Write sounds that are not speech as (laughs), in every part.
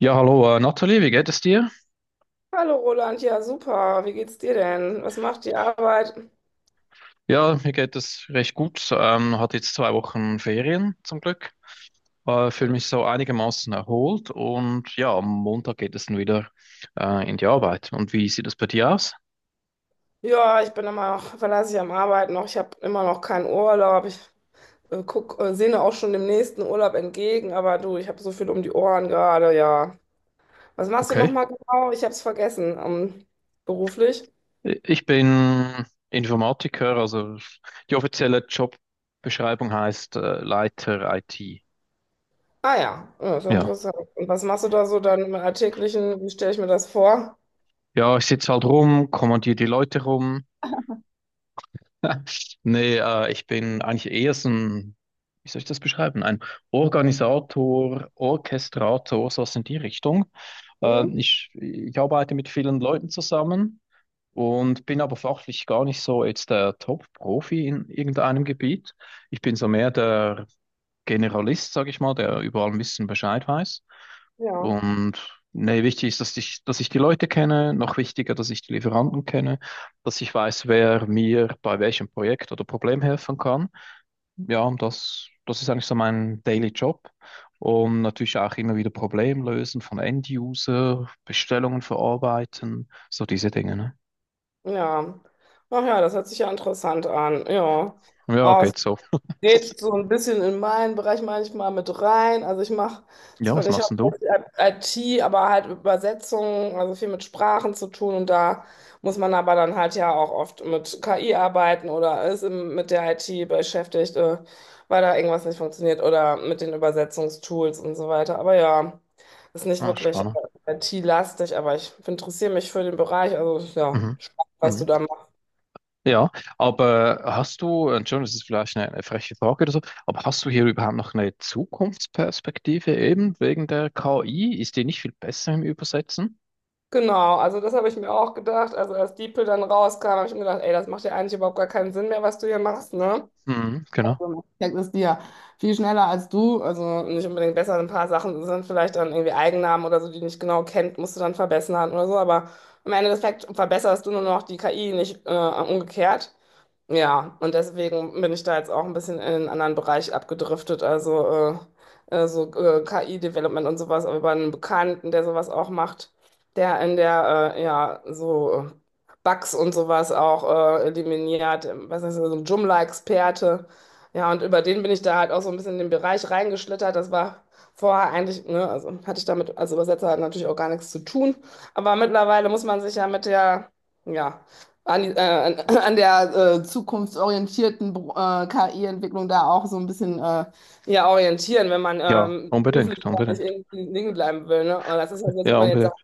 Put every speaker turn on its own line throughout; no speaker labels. Ja, hallo, Nathalie, wie geht es dir?
Hallo Roland, ja super, wie geht's dir denn? Was macht die Arbeit?
Ja, mir geht es recht gut. Hatte jetzt zwei Wochen Ferien zum Glück. Fühle mich so einigermaßen erholt und ja, am Montag geht es dann wieder in die Arbeit. Und wie sieht es bei dir aus?
Ja, ich bin immer noch, verlasse ich am Arbeiten noch, ich habe immer noch keinen Urlaub. Ich guck, sehne auch schon dem nächsten Urlaub entgegen, aber du, ich habe so viel um die Ohren gerade, ja. Was machst du
Okay.
nochmal genau? Ich habe es vergessen, beruflich.
Ich bin Informatiker, also die offizielle Jobbeschreibung heißt Leiter IT.
Ah ja, ja, ist ja
Ja.
interessant. Und was machst du da so dann im Alltäglichen? Wie stelle ich mir das vor?
Ja, ich sitze halt rum, kommandiere die Leute rum, (laughs) nee, ich bin eigentlich eher so ein, wie soll ich das beschreiben? Ein Organisator, Orchestrator, sowas in die Richtung. Äh,
Mhm.
ich, ich arbeite mit vielen Leuten zusammen und bin aber fachlich gar nicht so jetzt der Top-Profi in irgendeinem Gebiet. Ich bin so mehr der Generalist, sage ich mal, der überall ein bisschen Bescheid weiß.
Ja.
Und nee, wichtig ist, dass ich die Leute kenne, noch wichtiger, dass ich die Lieferanten kenne, dass ich weiß, wer mir bei welchem Projekt oder Problem helfen kann. Ja, und das ist eigentlich so mein Daily Job. Und natürlich auch immer wieder Problemlösen von End-User, Bestellungen verarbeiten, so diese Dinge, ne?
Ja. Ach ja, das hört sich ja interessant an, ja.
Ja,
Oh,
geht so.
geht so
(laughs)
ein bisschen in meinen Bereich manchmal mit rein. Also ich mache
Ja,
zwar
was
nicht
machst denn du?
hauptsächlich IT, aber halt Übersetzungen, also viel mit Sprachen zu tun und da muss man aber dann halt ja auch oft mit KI arbeiten oder ist im- mit der IT beschäftigt, weil da irgendwas nicht funktioniert oder mit den Übersetzungstools und so weiter. Aber ja, ist nicht
Ah,
wirklich
spannend.
IT-lastig, aber ich interessiere mich für den Bereich, also ja,
Mhm.
spannend, was du
Mhm.
da.
Ja, aber hast du, Entschuldigung, das ist vielleicht eine freche Frage oder so, aber hast du hier überhaupt noch eine Zukunftsperspektive eben wegen der KI? Ist die nicht viel besser im Übersetzen?
Genau, also das habe ich mir auch gedacht. Also als DeepL dann rauskam, habe ich mir gedacht, ey, das macht ja eigentlich überhaupt gar keinen Sinn mehr, was du hier machst, ne?
Mhm, genau.
Also, ich denke, die ja viel schneller als du, also nicht unbedingt besser, ein paar Sachen sind vielleicht dann irgendwie Eigennamen oder so, die du nicht genau kennt, musst du dann verbessern oder so, aber am Ende des Tages verbesserst du nur noch die KI, nicht umgekehrt. Ja, und deswegen bin ich da jetzt auch ein bisschen in einen anderen Bereich abgedriftet, also KI-Development und sowas, aber bei einem Bekannten, der sowas auch macht, der in der, ja, Bugs und sowas auch eliminiert, was ist das, so ein Joomla-Experte. Ja, und über den bin ich da halt auch so ein bisschen in den Bereich reingeschlittert. Das war vorher eigentlich, ne, also hatte ich damit als Übersetzer halt natürlich auch gar nichts zu tun. Aber mittlerweile muss man sich ja mit der, ja, an (clears throat) an der zukunftsorientierten KI-Entwicklung da auch so ein bisschen ja, orientieren, wenn man
Ja, unbedingt,
beruflich da nicht
unbedingt.
irgendwie liegen bleiben will. Ne? Aber das ist ja so, als
Ja,
würde man jetzt sagen,
unbedingt.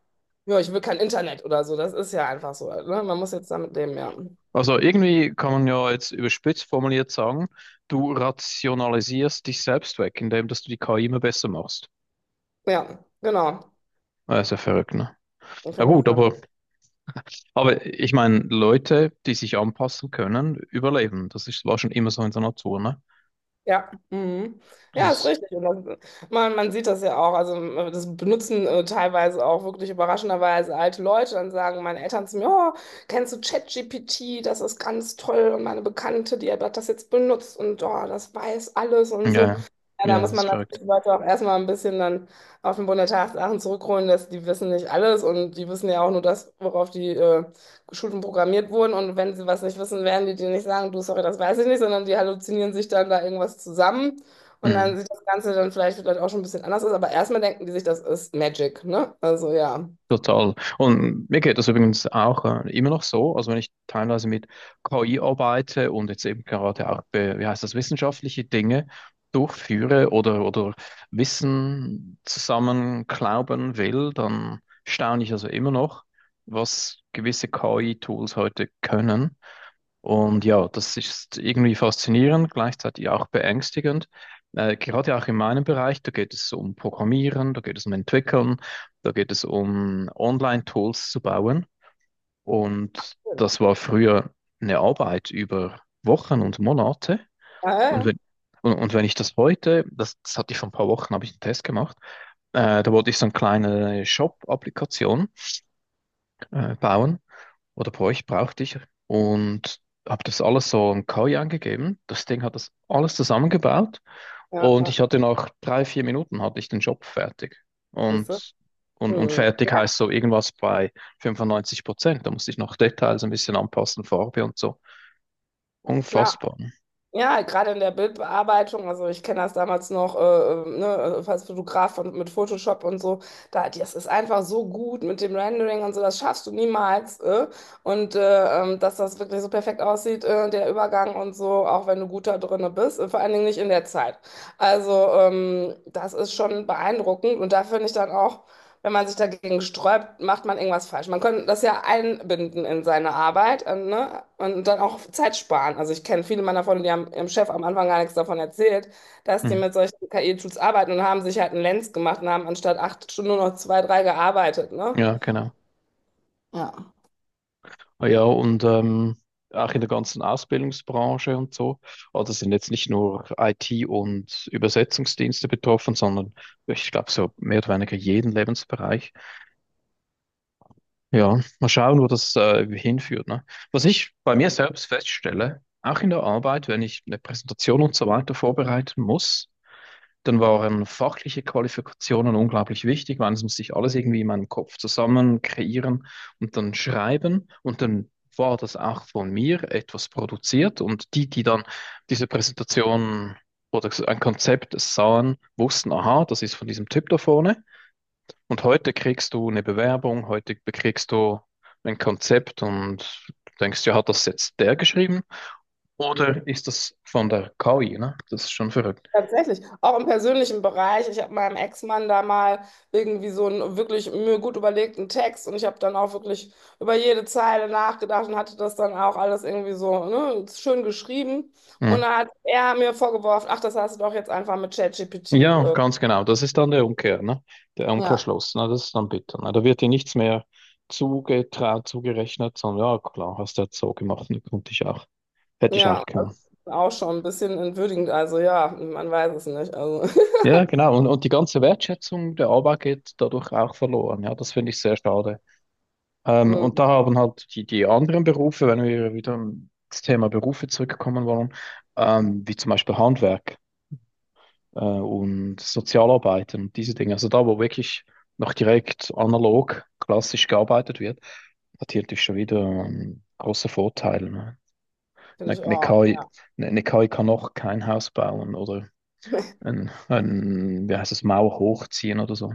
ja, ich will kein Internet oder so. Das ist ja einfach so. Ne? Man muss jetzt damit leben, ja.
Also irgendwie kann man ja jetzt überspitzt formuliert sagen, du rationalisierst dich selbst weg, indem dass du die KI immer besser machst.
Ja, genau.
Das ist ja verrückt, ne?
Ich
Na
finde es.
gut, aber ich meine, Leute, die sich anpassen können, überleben. Das ist, war schon immer so in der Natur, ne?
Ja, mhm. Ja, ist
Das
richtig. Und das, man sieht das ja auch. Also, das benutzen teilweise auch wirklich überraschenderweise alte Leute. Dann sagen meine Eltern zu mir: Oh, kennst du ChatGPT? Das ist ganz toll. Und meine Bekannte, die hat das jetzt benutzt und oh, das weiß alles und
ja,
so.
ja,
Ja, da
ja,
muss
das
man
ist verrückt.
natürlich die Leute auch erstmal ein bisschen dann auf den Boden der Tatsachen zurückholen, dass die wissen nicht alles und die wissen ja auch nur das, worauf die Schulen programmiert wurden, und wenn sie was nicht wissen, werden die dir nicht sagen, du, sorry, das weiß ich nicht, sondern die halluzinieren sich dann da irgendwas zusammen, und
Mhm.
dann sieht das Ganze dann vielleicht auch schon ein bisschen anders aus, aber erstmal denken die sich, das ist Magic, ne? Also ja.
Total. Und mir geht das übrigens auch immer noch so. Also wenn ich teilweise mit KI arbeite und jetzt eben gerade auch, wie heißt das, wissenschaftliche Dinge durchführe oder Wissen zusammenklauben will, dann staune ich also immer noch, was gewisse KI-Tools heute können. Und ja, das ist irgendwie faszinierend, gleichzeitig auch beängstigend. Gerade auch in meinem Bereich, da geht es um Programmieren, da geht es um Entwickeln, da geht es um Online-Tools zu bauen. Und das war früher eine Arbeit über Wochen und Monate.
Ja, ja,
Und
ja,
wenn, und wenn ich das heute, das hatte ich vor ein paar Wochen, habe ich einen Test gemacht, da wollte ich so eine kleine Shop-Applikation bauen oder bei euch brauchte ich und habe das alles so in KI angegeben. Das Ding hat das alles zusammengebaut
ja,
und
ja.
ich hatte nach drei, vier Minuten hatte ich den Job fertig.
Siehst du?
Und, und
Hm.
fertig
Ja,
heißt so irgendwas bei 95%. Da musste ich noch Details ein bisschen anpassen, Farbe und so.
klar.
Unfassbar.
Ja, gerade in der Bildbearbeitung, also ich kenne das damals noch, ne, also als Fotograf von, mit Photoshop und so, da, das ist einfach so gut mit dem Rendering und so, das schaffst du niemals. Äh? Und dass das wirklich so perfekt aussieht, der Übergang und so, auch wenn du gut da drinne bist, vor allen Dingen nicht in der Zeit. Also das ist schon beeindruckend und da finde ich dann auch, wenn man sich dagegen sträubt, macht man irgendwas falsch. Man könnte das ja einbinden in seine Arbeit, ne? Und dann auch Zeit sparen. Also ich kenne viele meiner Freunde, die haben ihrem Chef am Anfang gar nichts davon erzählt, dass die
Hm.
mit solchen KI-Tools arbeiten und haben sich halt einen Lenz gemacht und haben anstatt 8 Stunden nur noch 2, 3 gearbeitet, ne?
Ja, genau.
Ja.
Ah ja, und auch in der ganzen Ausbildungsbranche und so. Also sind jetzt nicht nur IT und Übersetzungsdienste betroffen, sondern ich glaube so mehr oder weniger jeden Lebensbereich. Ja, mal schauen, wo das hinführt, ne? Was ich bei mir selbst feststelle, auch in der Arbeit, wenn ich eine Präsentation und so weiter vorbereiten muss, dann waren fachliche Qualifikationen unglaublich wichtig, weil es musste ich alles irgendwie in meinem Kopf zusammen kreieren und dann schreiben. Und dann war das auch von mir etwas produziert. Und die dann diese Präsentation oder so ein Konzept sahen, wussten, aha, das ist von diesem Typ da vorne. Und heute kriegst du eine Bewerbung, heute bekriegst du ein Konzept und denkst, ja, hat das jetzt der geschrieben? Oder ist das von der KI? Ne? Das ist schon verrückt.
Tatsächlich, auch im persönlichen Bereich. Ich habe meinem Ex-Mann da mal irgendwie so einen wirklich mir gut überlegten Text und ich habe dann auch wirklich über jede Zeile nachgedacht und hatte das dann auch alles irgendwie so, ne, schön geschrieben. Und
Mhm.
dann hat er mir vorgeworfen, ach, das hast du doch jetzt einfach mit ChatGPT.
Ja,
Äh,
ganz genau. Das ist dann der Umkehr, ne? Der
Ja.
Umkehrschluss, ne? Das ist dann bitter, ne? Da wird dir nichts mehr zugetraut, zugerechnet, sondern ja, klar, hast du jetzt so gemacht, ne? Konnte ich auch, hätte ich
Ja,
auch
das
können.
ist auch schon ein bisschen entwürdigend. Also ja, man weiß es nicht. Also, (laughs)
Ja, genau. Und die ganze Wertschätzung der Arbeit geht dadurch auch verloren. Ja, das finde ich sehr schade. Und
hm,
da haben halt die anderen Berufe, wenn wir wieder ins Thema Berufe zurückkommen wollen, wie zum Beispiel Handwerk. Und Sozialarbeitern und diese Dinge. Also da, wo wirklich noch direkt analog, klassisch gearbeitet wird, hat hier natürlich schon wieder große Vorteile. Ne?
finde ich
Eine,
auch.
eine KI,
Ja.
eine, eine KI kann noch kein Haus bauen oder ein wie heißt es, Mauer hochziehen oder so.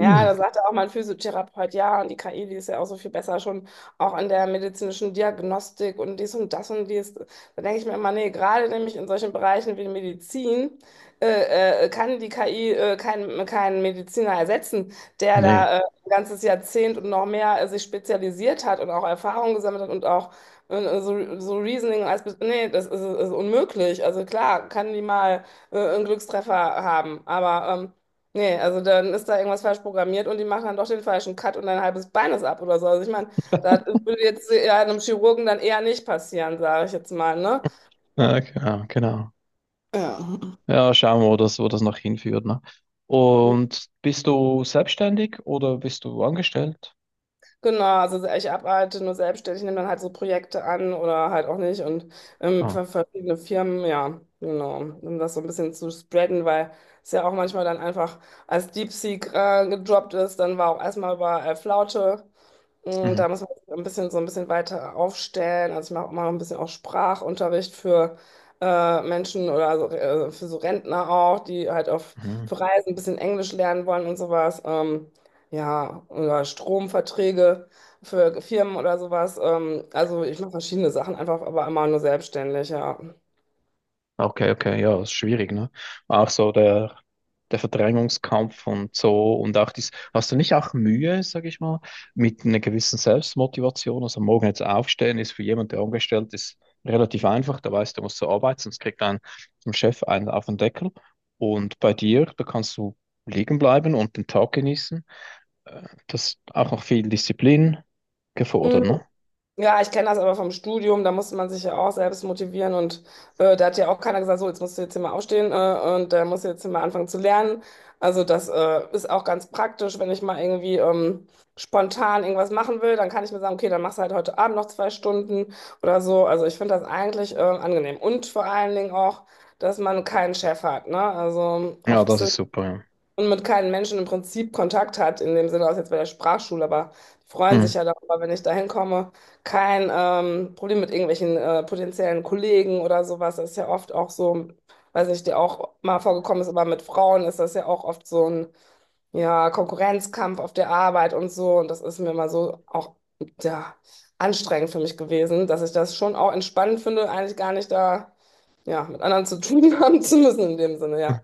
Ja, da sagte auch mein Physiotherapeut, ja, und die KI, die ist ja auch so viel besser schon auch in der medizinischen Diagnostik und dies und das und dies. Da denke ich mir immer, nee, gerade nämlich in solchen Bereichen wie Medizin kann die KI keinen Mediziner ersetzen, der
nee.
da ein ganzes Jahrzehnt und noch mehr sich spezialisiert hat und auch Erfahrung gesammelt hat und auch so Reasoning als, nee, ist unmöglich. Also klar, kann die mal einen Glückstreffer haben, aber nee, also dann ist da irgendwas falsch programmiert und die machen dann doch den falschen Cut und dein halbes Bein ist ab oder so. Also ich meine, das würde jetzt ja einem Chirurgen dann eher nicht passieren, sage ich jetzt mal, ne? Ja.
Ja, genau, genau.
Ja.
Ja, schauen wir, wo das noch hinführt. Ne? Und bist du selbstständig oder bist du angestellt?
Genau, also ich arbeite nur selbstständig, nehme dann halt so Projekte an oder halt auch nicht und
Ah,
für verschiedene Firmen, ja, genau, um das so ein bisschen zu spreaden, weil es ja auch manchmal dann einfach als DeepSeek gedroppt ist, dann war auch erstmal überall Flaute. Und
mhm.
da muss man sich ein bisschen so ein bisschen weiter aufstellen. Also ich mache immer noch ein bisschen auch Sprachunterricht für Menschen oder so, für so Rentner auch, die halt auf
Mhm.
für Reisen ein bisschen Englisch lernen wollen und sowas. Ja, oder Stromverträge für Firmen oder sowas. Also ich mache verschiedene Sachen einfach, aber immer nur selbstständig, ja.
Okay, okay, ja, ist schwierig, ne? Auch so der, der Verdrängungskampf und so und auch dies. Hast du nicht auch Mühe, sag ich mal, mit einer gewissen Selbstmotivation? Also morgen jetzt aufstehen ist für jemanden, der angestellt ist, relativ einfach. Der weiß, der muss zur Arbeit, sonst kriegt ein vom Chef einen auf den Deckel. Und bei dir, da kannst du liegen bleiben und den Tag genießen. Äh, Das ist auch noch viel Disziplin gefordert, ne?
Ja, ich kenne das aber vom Studium, da musste man sich ja auch selbst motivieren und da hat ja auch keiner gesagt, so, jetzt musst du jetzt hier mal aufstehen und da musst du jetzt hier mal anfangen zu lernen. Also das ist auch ganz praktisch, wenn ich mal irgendwie spontan irgendwas machen will, dann kann ich mir sagen, okay, dann machst du halt heute Abend noch 2 Stunden oder so. Also ich finde das eigentlich angenehm und vor allen Dingen auch, dass man keinen Chef hat, ne? Also
Ja,
oft
das ist super,
und mit keinen Menschen im Prinzip Kontakt hat, in dem Sinne, aus jetzt bei der Sprachschule, aber die
ja.
freuen sich
Mhm.
ja darüber, wenn ich da hinkomme. Kein Problem mit irgendwelchen potenziellen Kollegen oder sowas. Das ist ja oft auch so, weiß nicht, dir auch mal vorgekommen ist, aber mit Frauen ist das ja auch oft so ein ja, Konkurrenzkampf auf der Arbeit und so. Und das ist mir mal so auch ja, anstrengend für mich gewesen, dass ich das schon auch entspannend finde, eigentlich gar nicht da ja, mit anderen zu (laughs) tun haben zu müssen in dem Sinne, ja.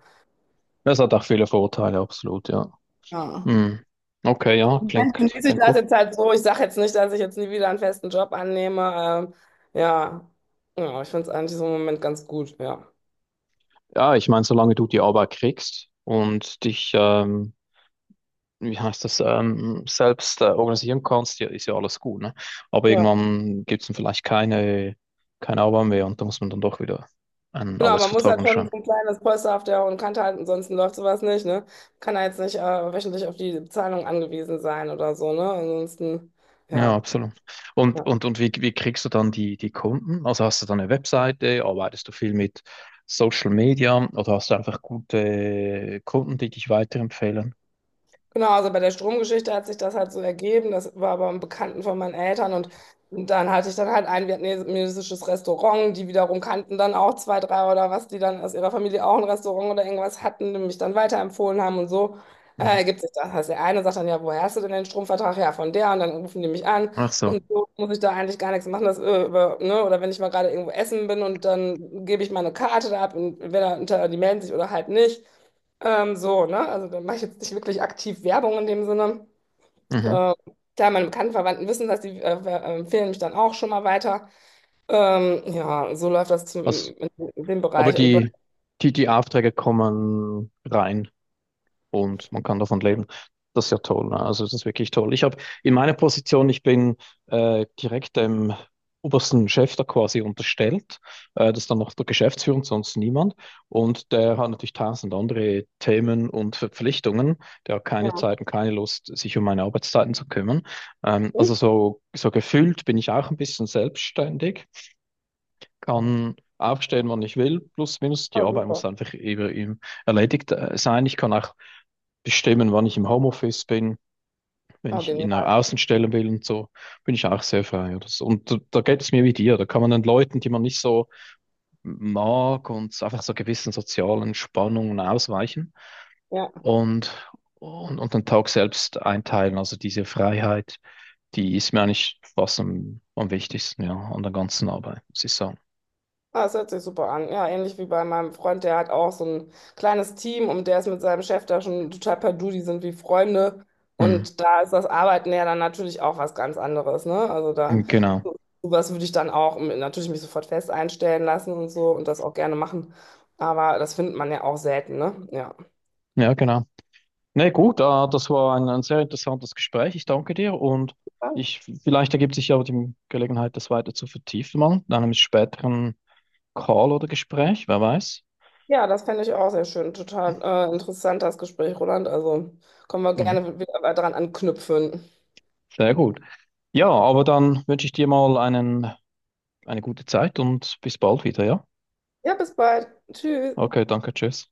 Das hat auch viele Vorteile, absolut, ja.
Ja.
Hm. Okay, ja, klingt,
Dann genieße ich
klingt
das
gut.
jetzt halt so. Ich sage jetzt nicht, dass ich jetzt nie wieder einen festen Job annehme. Ja. Ja, ich finde es eigentlich so im Moment ganz gut, ja.
Ja, ich meine, solange du die Arbeit kriegst und dich, wie heißt das, selbst organisieren kannst, ja, ist ja alles gut, ne? Aber
Ja.
irgendwann gibt es dann vielleicht keine, keine Arbeit mehr und da muss man dann doch wieder einen
Genau, man muss
Arbeitsvertrag
halt schon
anschauen.
so ein kleines Polster auf der hohen Kante halten, ansonsten läuft sowas nicht, ne? Kann halt jetzt nicht wöchentlich auf die Zahlung angewiesen sein oder so, ne? Ansonsten,
Ja,
ja.
absolut. Und,
Ja.
und, und wie, wie kriegst du dann die Kunden? Also hast du dann eine Webseite, arbeitest du viel mit Social Media oder hast du einfach gute Kunden, die dich weiterempfehlen?
Genau, also bei der Stromgeschichte hat sich das halt so ergeben. Das war aber ein Bekannten von meinen Eltern und dann hatte ich dann halt ein vietnamesisches Restaurant. Die wiederum kannten dann auch 2, 3 oder was, die dann aus ihrer Familie auch ein Restaurant oder irgendwas hatten, die mich dann weiterempfohlen haben und so.
Mhm.
Ergibt sich das. Also der eine sagt dann, ja, woher hast du denn den Stromvertrag? Ja, von der. Und dann rufen die mich an.
Ach so.
Und so muss ich da eigentlich gar nichts machen. Das, über, ne? Oder wenn ich mal gerade irgendwo essen bin und dann gebe ich meine Karte da ab und entweder die melden sich oder halt nicht. So, ne? Also da mache ich jetzt nicht wirklich aktiv Werbung in dem Sinne.
Mhm.
Äh, klar, meine bekannten Verwandten wissen das, die empfehlen mich dann auch schon mal weiter. Ja, so läuft das zum,
Was,
in dem
aber
Bereich. Und bei,
die Aufträge kommen rein und man kann davon leben. Das ist ja toll. Ne? Also das ist wirklich toll. Ich habe in meiner Position, ich bin direkt dem obersten Chef da quasi unterstellt. Das ist dann noch der Geschäftsführer und sonst niemand. Und der hat natürlich tausend andere Themen und Verpflichtungen. Der hat keine
ja,
Zeit und keine Lust, sich um meine Arbeitszeiten zu kümmern. Also so, so gefühlt bin ich auch ein bisschen selbstständig, kann aufstehen, wann ich will, plus minus. Die
super,
Arbeit
super.
muss einfach eben erledigt sein. Ich kann auch bestimmen, wann ich im Homeoffice bin, wenn
Ja,
ich in
genial.
einer Außenstelle will und so, bin ich auch sehr frei. Oder so. Und da, da geht es mir wie dir. Da kann man den Leuten, die man nicht so mag und einfach so gewissen sozialen Spannungen ausweichen
Ja.
und, und den Tag selbst einteilen. Also diese Freiheit, die ist mir eigentlich fast am wichtigsten, ja, an der ganzen Arbeit, muss ich sagen.
Ah, das hört sich super an. Ja, ähnlich wie bei meinem Freund, der hat auch so ein kleines Team und der ist mit seinem Chef da schon total per Du, die sind wie Freunde.
Hm.
Und da ist das Arbeiten ja dann natürlich auch was ganz anderes, ne? Also da,
Genau.
so- sowas würde ich dann auch natürlich mich sofort fest einstellen lassen und so und das auch gerne machen. Aber das findet man ja auch selten, ne? Ja.
Ja, genau. Nee, gut, das war ein sehr interessantes Gespräch. Ich danke dir und ich, vielleicht ergibt sich ja die Gelegenheit, das weiter zu vertiefen, mal in einem späteren Call oder Gespräch, wer weiß.
Ja, das fände ich auch sehr schön. Total interessant, das Gespräch, Roland. Also können wir
Mhm.
gerne wieder dran anknüpfen.
Sehr gut. Ja, aber dann wünsche ich dir mal einen, eine gute Zeit und bis bald wieder, ja?
Ja, bis bald. Tschüss.
Okay, danke, tschüss.